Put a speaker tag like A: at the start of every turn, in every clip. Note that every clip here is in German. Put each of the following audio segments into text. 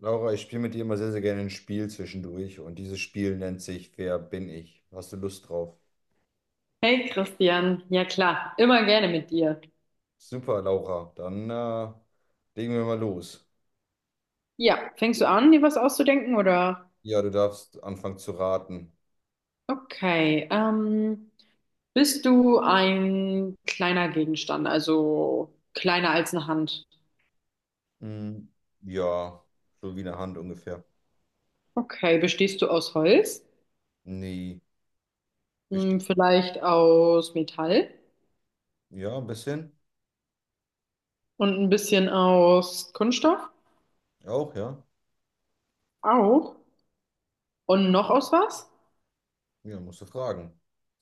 A: Laura, ich spiele mit dir immer sehr, sehr gerne ein Spiel zwischendurch und dieses Spiel nennt sich: Wer bin ich? Hast du Lust drauf?
B: Hey Christian, ja klar, immer gerne mit dir.
A: Super, Laura, dann legen wir mal los.
B: Ja, fängst du an, dir was auszudenken oder?
A: Ja, du darfst anfangen zu raten.
B: Okay, bist du ein kleiner Gegenstand, also kleiner als eine Hand?
A: Hm, ja, so wie eine Hand ungefähr.
B: Okay, bestehst du aus Holz?
A: Nee,
B: Hm,
A: bestimmt.
B: vielleicht aus Metall
A: Ja, ein bisschen.
B: und ein bisschen aus Kunststoff?
A: Auch, ja.
B: Auch. Und noch aus was?
A: Ja, musst du fragen.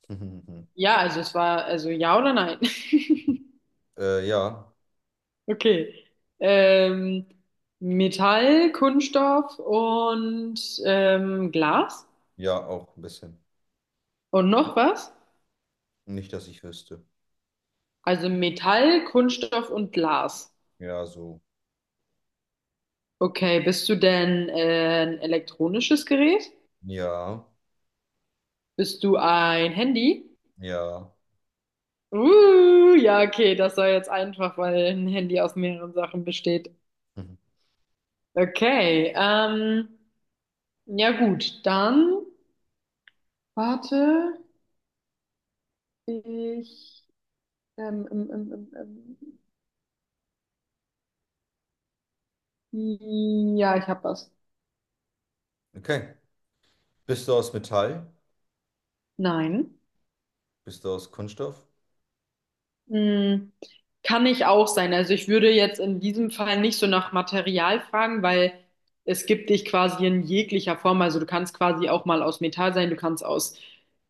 B: Ja, also es war, also ja oder nein?
A: Ja,
B: Okay. Ähm, Metall, Kunststoff und Glas.
A: ja, auch ein bisschen.
B: Und noch was?
A: Nicht, dass ich wüsste.
B: Also Metall, Kunststoff und Glas.
A: Ja, so.
B: Okay, bist du denn ein elektronisches Gerät?
A: Ja,
B: Bist du ein Handy?
A: ja.
B: Ja, okay, das war jetzt einfach, weil ein Handy aus mehreren Sachen besteht. Okay, ja gut, dann warte, ich, ähm, ähm, ähm, ähm, ähm, ja, ich habe was.
A: Okay. Bist du aus Metall?
B: Nein.
A: Bist du aus Kunststoff?
B: Hm, kann ich auch sein. Also ich würde jetzt in diesem Fall nicht so nach Material fragen, weil es gibt dich quasi in jeglicher Form. Also du kannst quasi auch mal aus Metall sein, du kannst aus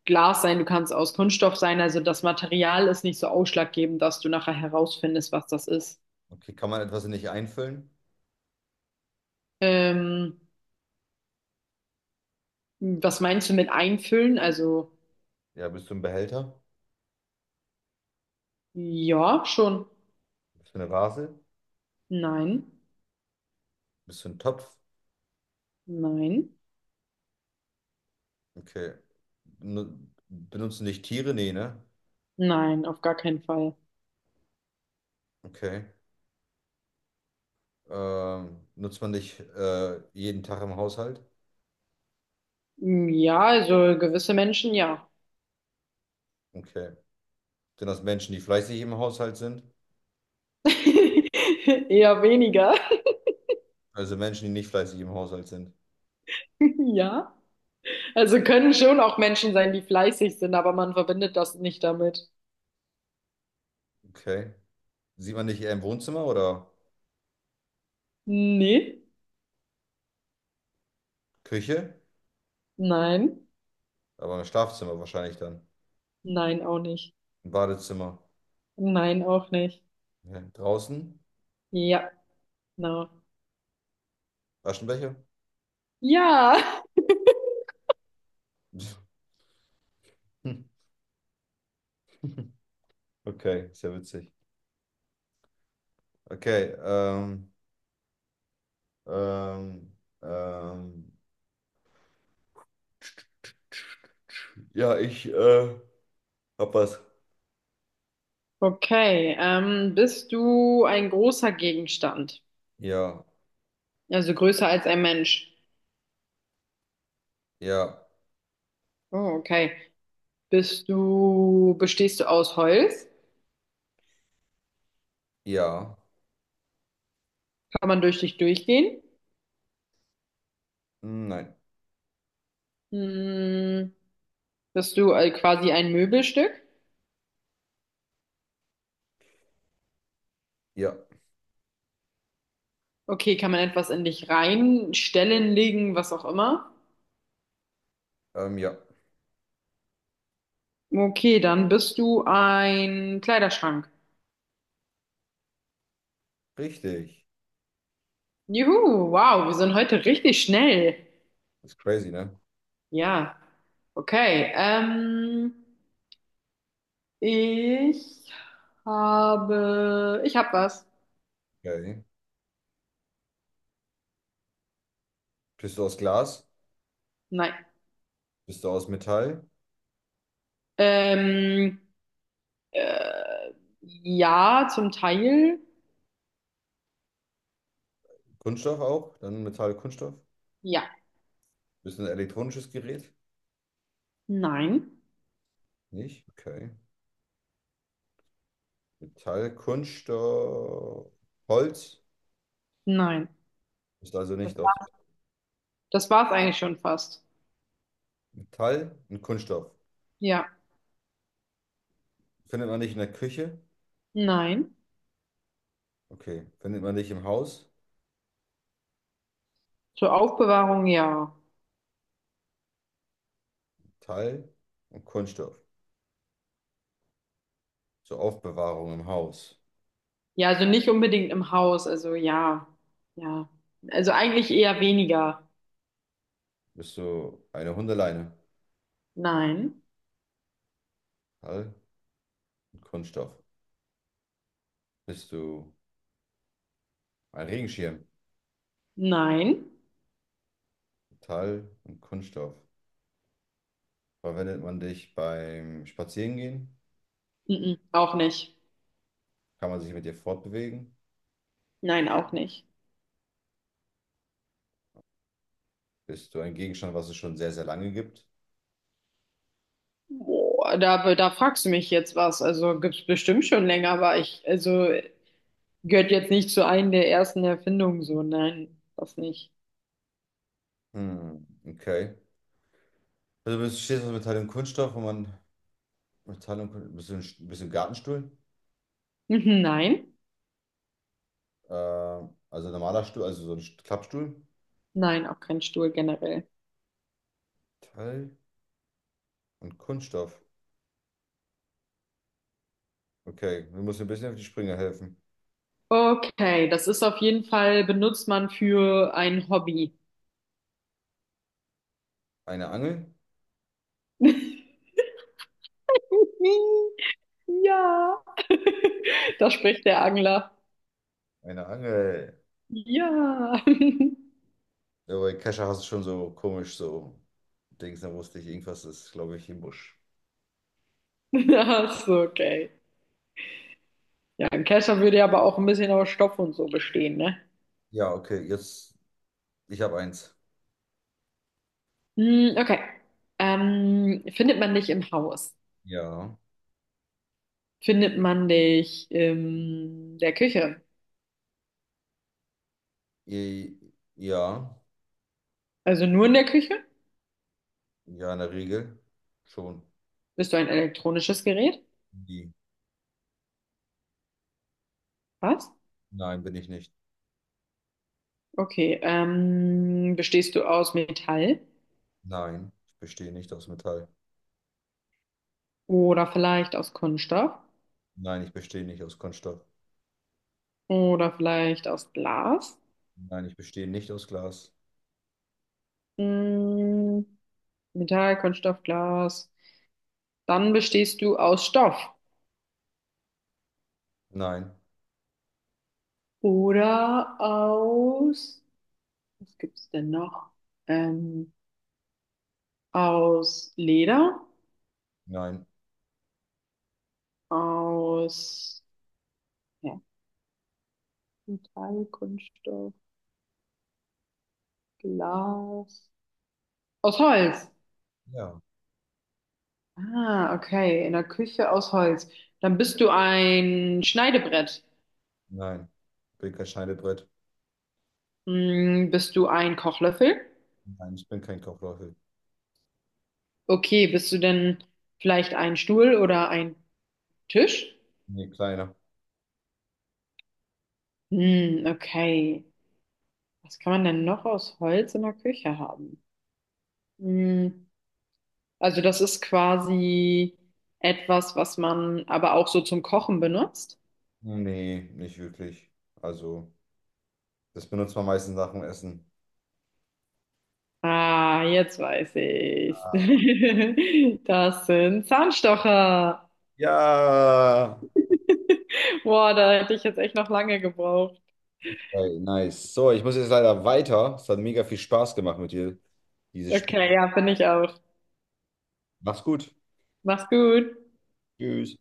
B: Glas sein, du kannst aus Kunststoff sein. Also das Material ist nicht so ausschlaggebend, dass du nachher herausfindest, was das ist.
A: Okay, kann man etwas nicht einfüllen?
B: Ähm, was meinst du mit einfüllen? Also
A: Ja, bist du ein Behälter?
B: ja, schon.
A: Bist du eine Vase?
B: Nein,
A: Bist du ein Topf?
B: nein,
A: Okay. Nu- Benutzen dich Tiere? Nee, ne?
B: nein, auf gar keinen Fall.
A: Okay. Nutzt man dich jeden Tag im Haushalt?
B: Hm, ja, also gewisse Menschen ja.
A: Okay. Sind das Menschen, die fleißig im Haushalt sind?
B: Eher weniger.
A: Also Menschen, die nicht fleißig im Haushalt sind.
B: Ja. Also können schon auch Menschen sein, die fleißig sind, aber man verbindet das nicht damit.
A: Okay. Sieht man dich eher im Wohnzimmer oder
B: Nee.
A: Küche?
B: Nein.
A: Aber im Schlafzimmer wahrscheinlich dann.
B: Nein, auch nicht.
A: Im Badezimmer.
B: Nein, auch nicht.
A: Okay. Draußen?
B: Ja, genau.
A: Aschenbecher?
B: Ja.
A: Okay, sehr witzig. Okay, ähm, ähm, ja, ich hab was.
B: Okay. Bist du ein großer Gegenstand?
A: Ja,
B: Also größer als ein Mensch.
A: ja,
B: Oh, okay. Bestehst du aus Holz?
A: ja.
B: Kann man durch dich durchgehen?
A: Hm, nein.
B: Hm. Bist du quasi ein Möbelstück?
A: Ja.
B: Okay, kann man etwas in dich reinstellen, legen, was auch immer?
A: Ähm, ja,
B: Okay, dann bist du ein Kleiderschrank.
A: richtig.
B: Juhu, wow, wir sind heute richtig schnell.
A: Das ist crazy, ne?
B: Ja, okay. Ich ich habe was.
A: Okay. Bist du aus Glas?
B: Nein.
A: Bist du aus Metall?
B: Ähm, äh, ja, zum Teil.
A: Kunststoff auch? Dann Metall, Kunststoff?
B: Ja.
A: Bist du ein elektronisches Gerät?
B: Nein.
A: Nicht? Okay. Metall, Kunststoff, Holz?
B: Nein.
A: Bist also nicht aus
B: Das war's eigentlich schon fast.
A: Metall und Kunststoff.
B: Ja.
A: Findet man nicht in der Küche?
B: Nein.
A: Okay. Findet man nicht im Haus?
B: Zur Aufbewahrung, ja.
A: Teil und Kunststoff. Zur Aufbewahrung im Haus,
B: Ja, also nicht unbedingt im Haus, also ja. Ja. Also eigentlich eher weniger.
A: bist du eine Hundeleine?
B: Nein.
A: Metall und Kunststoff. Bist du ein Regenschirm?
B: Nein.
A: Metall und Kunststoff. Verwendet man dich beim Spazierengehen?
B: Mhm. Auch nicht.
A: Kann man sich mit dir fortbewegen?
B: Nein, auch nicht.
A: Bist du ein Gegenstand, was es schon sehr, sehr lange gibt?
B: Boah, da fragst du mich jetzt was. Also gibt's bestimmt schon länger, aber ich, also gehört jetzt nicht zu einem der ersten Erfindungen so. Nein, das nicht.
A: Hm, okay. Stehst du aus Metall und Kunststoff, wo man Metall und Kunststoff. Bist du ein Gartenstuhl?
B: Mhm, nein.
A: Also ein normaler Stuhl, also so ein Klappstuhl.
B: Nein, auch kein Stuhl generell.
A: Metall und Kunststoff. Okay, wir müssen ein bisschen auf die Sprünge helfen.
B: Okay, das ist auf jeden Fall, benutzt man für ein Hobby.
A: Eine Angel?
B: Ja. Da spricht der Angler.
A: Eine Angel.
B: Ja.
A: Ja, bei Kescher hast du schon so komisch so Dings, da wusste ich, irgendwas ist, glaube ich, im Busch.
B: Ach so, okay. Ja, ein Kescher würde ja aber auch ein bisschen aus Stoff und so bestehen, ne?
A: Ja, okay, jetzt, ich habe eins.
B: Hm, okay. Findet man dich im Haus?
A: Ja.
B: Findet man dich in der Küche?
A: I, ja.
B: Also nur in der Küche?
A: Ja, in der Regel. Schon.
B: Bist du ein elektronisches Gerät?
A: Nie.
B: Was?
A: Nein, bin ich nicht.
B: Okay. Bestehst du aus Metall?
A: Nein, ich bestehe nicht aus Metall.
B: Oder vielleicht aus Kunststoff?
A: Nein, ich bestehe nicht aus Kunststoff.
B: Oder vielleicht aus Glas?
A: Nein, ich bestehe nicht aus Glas.
B: Hm, Metall, Kunststoff, Glas. Dann bestehst du aus Stoff
A: Nein,
B: oder aus, was gibt's denn noch? Ähm, aus Leder,
A: nein,
B: aus ja, Metall, Kunststoff, Glas, aus Holz.
A: ja,
B: Ah, okay, in der Küche aus Holz. Dann bist du ein Schneidebrett.
A: nein. Ich bin kein Schneidebrett.
B: Hm, bist du ein Kochlöffel?
A: Nein, ich bin kein Kochlöffel.
B: Okay, bist du denn vielleicht ein Stuhl oder ein Tisch?
A: Nee, kleiner.
B: Hm, okay. Was kann man denn noch aus Holz in der Küche haben? Hm, also das ist quasi etwas, was man aber auch so zum Kochen benutzt.
A: Nee, nicht wirklich. Also, das benutzt man meistens nach dem Essen.
B: Ah, jetzt weiß ich's. Das sind Zahnstocher.
A: Ja.
B: Boah, da hätte ich jetzt echt noch lange gebraucht.
A: Hey, nice. So, ich muss jetzt leider weiter. Es hat mega viel Spaß gemacht mit dir, dieses Spiel.
B: Okay, ja, bin ich auch.
A: Mach's gut.
B: Mach's gut.
A: Tschüss.